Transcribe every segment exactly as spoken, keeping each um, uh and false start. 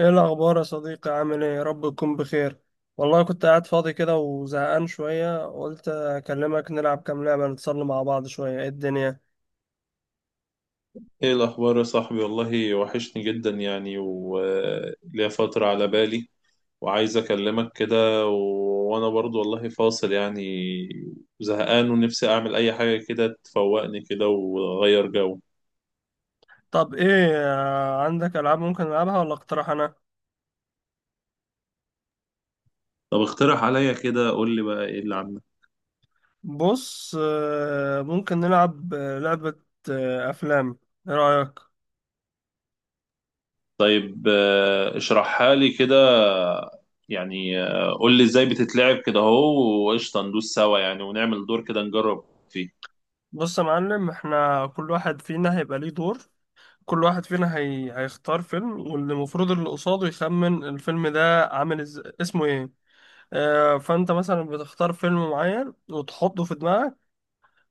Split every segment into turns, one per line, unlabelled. ايه الاخبار يا صديقي؟ عامل ايه؟ يا رب تكون بخير. والله كنت قاعد فاضي كده وزهقان شويه، قلت اكلمك نلعب كام لعبه نتصل مع بعض شويه. ايه الدنيا؟
ايه الاخبار يا صاحبي، والله وحشني جدا يعني وليا فترة على بالي وعايز اكلمك كده و- وانا برضو والله فاصل يعني، زهقان ونفسي اعمل اي حاجة كده تفوقني كده واغير جو.
طب ايه، آه، عندك العاب ممكن نلعبها ولا اقترح انا؟
طب اقترح عليا كده، قول لي بقى ايه اللي عندك؟
بص، آه، ممكن نلعب آه، لعبه آه، افلام. ايه رايك؟
طيب، آه، اشرحها لي كده. يعني آه، قول لي ازاي بتتلعب كده اهو، وقشطة ندوس سوا يعني ونعمل دور كده نجرب فيه.
بص يا معلم، احنا كل واحد فينا هيبقى ليه دور. كل واحد فينا هي... هيختار فيلم، والمفروض اللي قصاده يخمن الفيلم ده عامل إز... اسمه ايه. آه، فانت مثلا بتختار فيلم معين وتحطه في دماغك.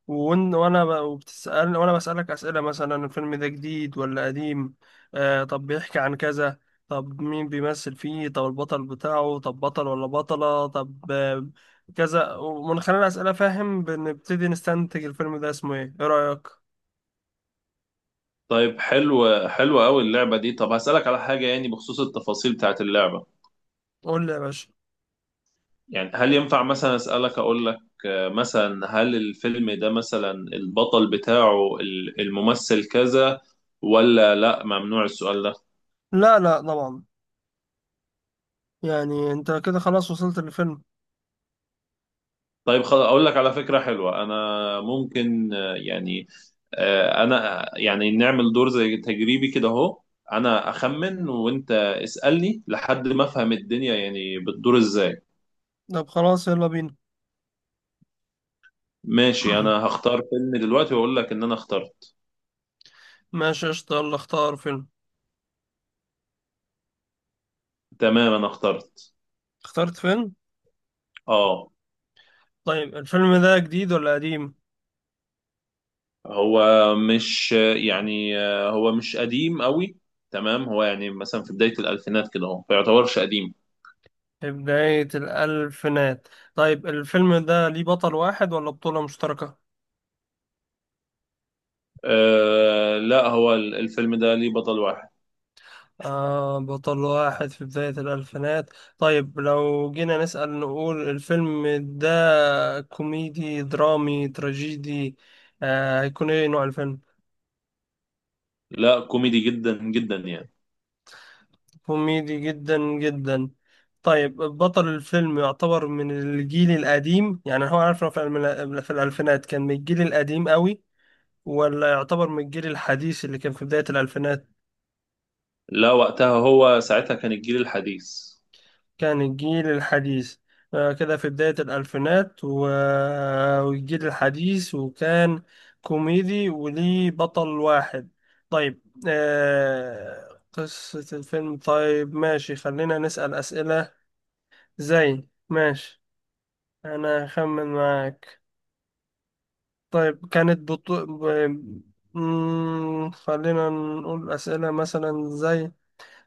وإن- وانا ب- وبتسأل، وانا بسألك أسئلة، مثلا الفيلم ده جديد ولا قديم. آه، طب بيحكي عن كذا، طب مين بيمثل فيه، طب البطل بتاعه، طب بطل ولا بطلة، طب آه، كذا. ومن خلال الأسئلة فاهم، بنبتدي نستنتج الفيلم ده اسمه ايه. ايه رأيك؟
طيب حلو حلو قوي اللعبة دي. طب هسألك على حاجة يعني بخصوص التفاصيل بتاعت اللعبة.
قول لي يا باشا.
يعني هل ينفع مثلا أسألك أقول لك آه، مثلا هل الفيلم ده مثلا البطل بتاعه ال- الممثل كذا، ولا لا ممنوع السؤال ده؟
لا، لا، طبعا. يعني انت كده خلاص وصلت للفيلم.
طيب خلاص، أقول لك على فكرة حلوة. أنا ممكن آه، يعني آه، أنا يعني نعمل دور زي تجريبي كده أهو. أنا أخمن وأنت اسألني لحد ما أفهم الدنيا يعني بتدور إزاي.
طب خلاص، يلا بينا.
ماشي، انا هختار فيلم دلوقتي واقول لك ان انا اخترت.
ماشي قشطة، يلا اختار فيلم.
تمام، انا اخترت.
اخترت فيلم.
اه.
طيب الفيلم ده جديد ولا قديم؟
هو مش يعني، آه، هو مش قديم قوي. تمام، هو يعني مثلا في بداية الألفينات كده، هو ما يعتبرش قديم.
في بداية الألفينات. طيب الفيلم ده ليه بطل واحد ولا بطولة مشتركة؟
آه لا، هو ال- الفيلم ده ليه بطل واحد.
آه، بطل واحد في بداية الألفينات. طيب لو جينا نسأل نقول الفيلم ده كوميدي درامي تراجيدي، آه هيكون ايه نوع الفيلم؟
لا، كوميدي جدا جدا يعني.
كوميدي جدا جدا. طيب بطل الفيلم يعتبر من الجيل القديم، يعني هو عارف إنه في الألم- في الألفينات كان من الجيل القديم قوي، ولا يعتبر من الجيل الحديث اللي كان في بداية الألفينات؟
لا، وقتها هو ساعتها كان الجيل الحديث.
كان الجيل الحديث. آه، كده في بداية الألفينات و- والجيل الحديث، وكان كوميدي وليه بطل واحد. طيب آه، قصة الفيلم. طيب ماشي، خلينا نسأل أسئلة. زي ماشي، أنا أخمن معاك. طيب كانت بطو... ب... مم، خلينا نقول أسئلة مثلا زي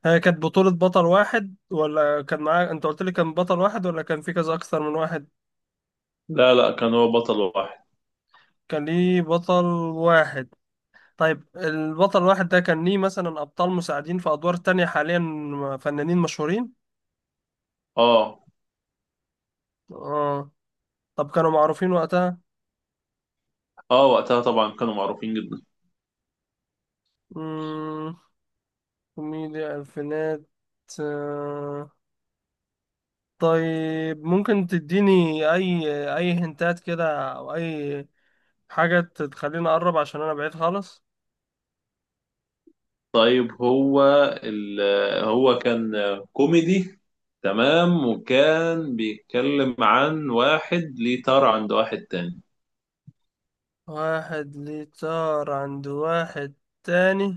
هي كانت بطولة بطل واحد ولا كان معاه؟ انت قلت لي كان بطل واحد، ولا كان في كذا اكثر من واحد؟
لا لا، كان هو بطل واحد.
كان ليه بطل واحد. طيب البطل الواحد ده كان ليه مثلا ابطال مساعدين في ادوار تانية، حاليا فنانين مشهورين؟
اه.
اه. طب كانوا معروفين وقتها؟
اه وقتها طبعا كانوا معروفين جدا.
مم، كوميديا الفينات. آه. طيب ممكن تديني اي اي هنتات كده او اي حاجة تخليني اقرب، عشان انا بعيد خالص؟
طيب هو ال... هو كان كوميدي، تمام، وكان بيتكلم عن واحد ليه طار عند واحد تاني.
واحد ليه طار عند واحد تاني.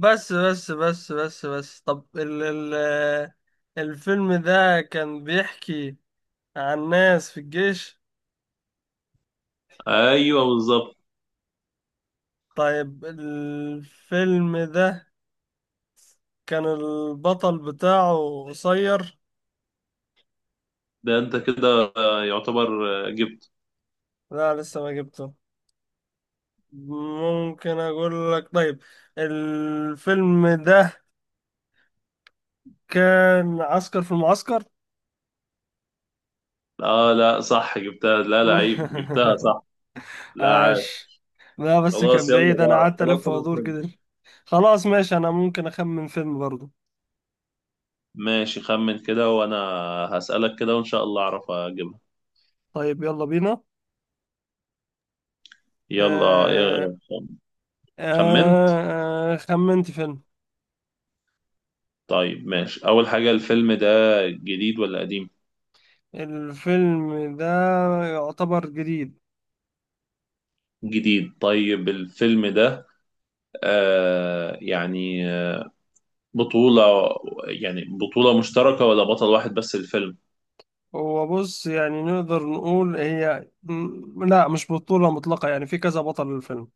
بس بس بس بس بس، طب ال ال الفيلم ده كان بيحكي عن ناس في الجيش؟
ايوه بالظبط.
طيب الفيلم ده كان البطل بتاعه قصير؟
ده انت كده آه، يعتبر آه، جبت.
لا، لسه ما جبته. ممكن اقول لك طيب؟ الفيلم ده كان عسكر في المعسكر.
اه. لا صح، جبتها. لا لا، عيب، جبتها صح. لا عيب.
عاش. لا، بس
خلاص
كان
يلا
بعيد، انا
بقى،
قعدت الف
خلاص انا
وادور
فهمت.
كده. خلاص ماشي، انا ممكن اخمن فيلم برضه.
ماشي، خمن كده وانا هسألك كده وان شاء الله اعرف اجيبها.
طيب يلا بينا.
يلا
آه
آه، خمنت.
آه آه، خمنت فيلم.
طيب ماشي، اول حاجة الفيلم ده جديد ولا قديم؟
الفيلم ده يعتبر جديد.
جديد. طيب الفيلم ده آه يعني بطولة، يعني بطولة مشتركة ولا بطل واحد بس الفيلم؟
هو بص، يعني نقدر نقول هي م- لا، مش بطولة مطلقة، يعني في كذا بطل للفيلم.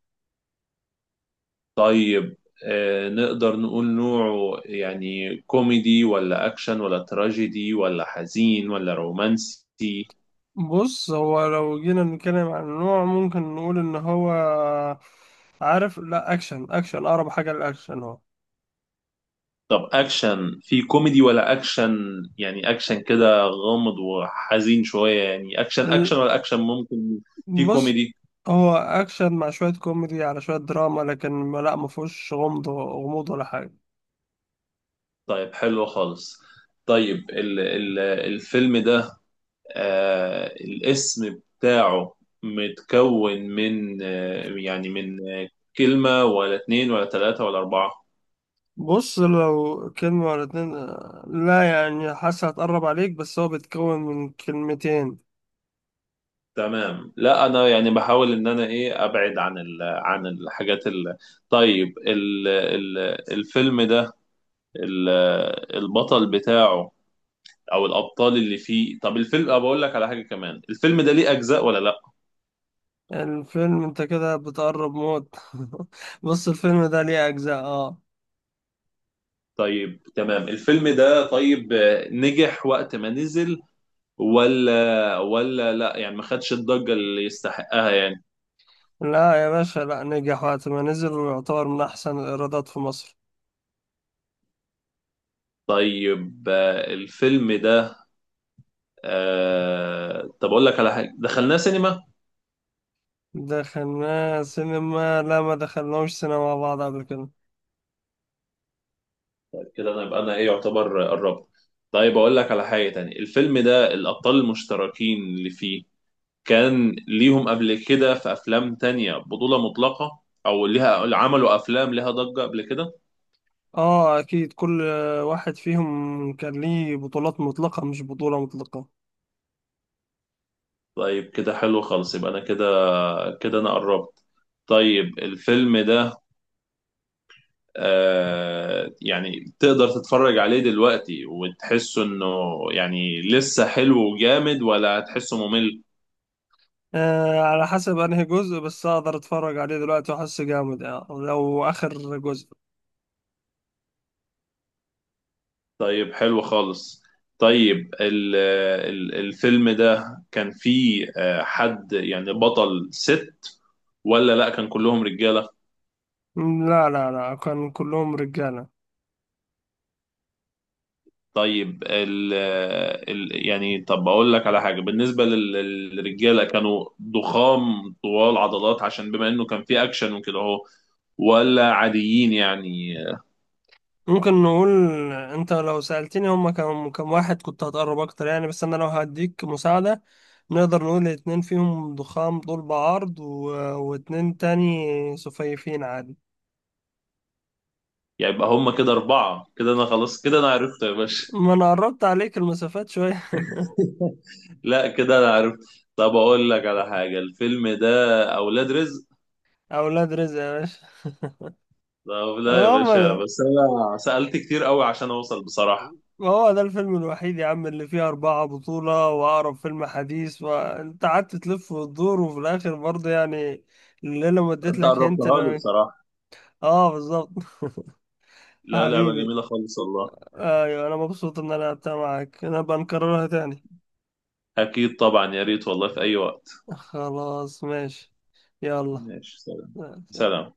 طيب آه، نقدر نقول نوعه يعني كوميدي ولا أكشن ولا تراجيدي ولا حزين ولا رومانسي؟
بص هو لو جينا نتكلم عن النوع، ممكن نقول ان هو، عارف، لا، اكشن اكشن اقرب حاجة للاكشن هو.
طب أكشن في كوميدي ولا أكشن؟ يعني أكشن كده غامض وحزين شوية، يعني أكشن أكشن ولا أكشن ممكن في
بص
كوميدي؟
هو اكشن مع شويه كوميدي على شويه دراما، لكن ما- لا ما فيهوش غمض غموض ولا حاجه.
طيب حلو خالص. طيب ال ال الفيلم ده آه، الاسم بتاعه متكون من آه يعني من آه كلمة ولا اتنين ولا تلاتة ولا أربعة؟
بص، لو كلمه ولا اتنين، آه، لا يعني حاسس هتقرب عليك، بس هو بيتكون من كلمتين.
تمام، لا أنا يعني بحاول إن أنا إيه أبعد عن ال عن الحاجات ال. طيب ال ال الفيلم ده، ال البطل بتاعه أو الأبطال اللي فيه. طب الفيلم، أه بقول لك على حاجة كمان، الفيلم ده ليه أجزاء ولا لأ؟
الفيلم انت كده بتقرب موت. بص الفيلم ده ليه اجزاء، اه.
طيب تمام. الفيلم ده طيب آه، نجح وقت ما نزل ولا ولا لا يعني ما خدش الضجة اللي يستحقها يعني؟
لا يا باشا، لا، نجح وقت ما نزل ويعتبر من احسن الايرادات في مصر.
طيب آه، الفيلم ده آه، طب اقول لك على حاجة، دخلناه سينما؟
دخلناه سينما؟ لا، ما دخلناهوش سينما مع بعض قبل كده.
كده انا يبقى انا ايه يعتبر قربت. طيب اقول لك على حاجة تانية، الفيلم ده الابطال المشتركين اللي فيه كان ليهم قبل كده في افلام تانية بطولة مطلقة او ليها، عملوا افلام ليها ضجة قبل كده؟
اه اكيد، كل واحد فيهم كان ليه بطولات مطلقة مش بطولة مطلقة.
طيب كده حلو خالص، يبقى انا كده، كده انا قربت. طيب الفيلم ده آه، يعني تقدر تتفرج عليه دلوقتي وتحسه انه يعني لسه حلو وجامد، ولا هتحسه ممل؟
آه، على حسب انهي جزء، بس اقدر اتفرج عليه دلوقتي واحس جامد يعني لو اخر جزء.
طيب حلو خالص. طيب ال- ال- الفيلم ده كان فيه آه، حد يعني بطل ست، ولا لا كان كلهم رجالة؟
م، لا، لا، لا، كان كلهم رجالة.
طيب ال ال يعني، طب اقول لك على حاجة بالنسبة لل- للرجالة، كانوا ضخام طوال عضلات عشان بما انه كان فيه اكشن وكده اهو، ولا عاديين يعني؟
ممكن نقول، انت لو سألتني هما كم كم واحد كنت هتقرب اكتر يعني، بس انا لو هديك مساعدة، نقدر نقول اتنين فيهم ضخام طول بعرض، و... واتنين تاني سفيفين عادي.
يعني يبقى هم كده أربعة، كده أنا خلاص، كده أنا عرفت يا باشا.
ما انا قربت عليك المسافات شوية.
لا كده أنا عرفت. طب أقول لك على حاجة، الفيلم ده أولاد رزق.
اولاد رزق يا باشا.
طب لا يا
هو
باشا،
ده،
بس أنا سألت كتير قوي عشان أوصل بصراحة.
ما هو ده الفيلم الوحيد يا عم اللي فيه أربعة بطولة وأقرب فيلم حديث، وأنت قعدت تلف وتدور، وفي الآخر برضه يعني الليلة ما اديت
أنت
لك هنت
قربتها لي
اللي...
بصراحة.
آه بالظبط.
لا، لعبة
حبيبي.
جميلة خالص والله.
أيوة، أنا مبسوط إن أنا لعبتها معاك. أنا بنكررها تاني.
أكيد طبعا، يا ريت والله في أي وقت.
خلاص ماشي، يلا.
ماشي، سلام. سلام.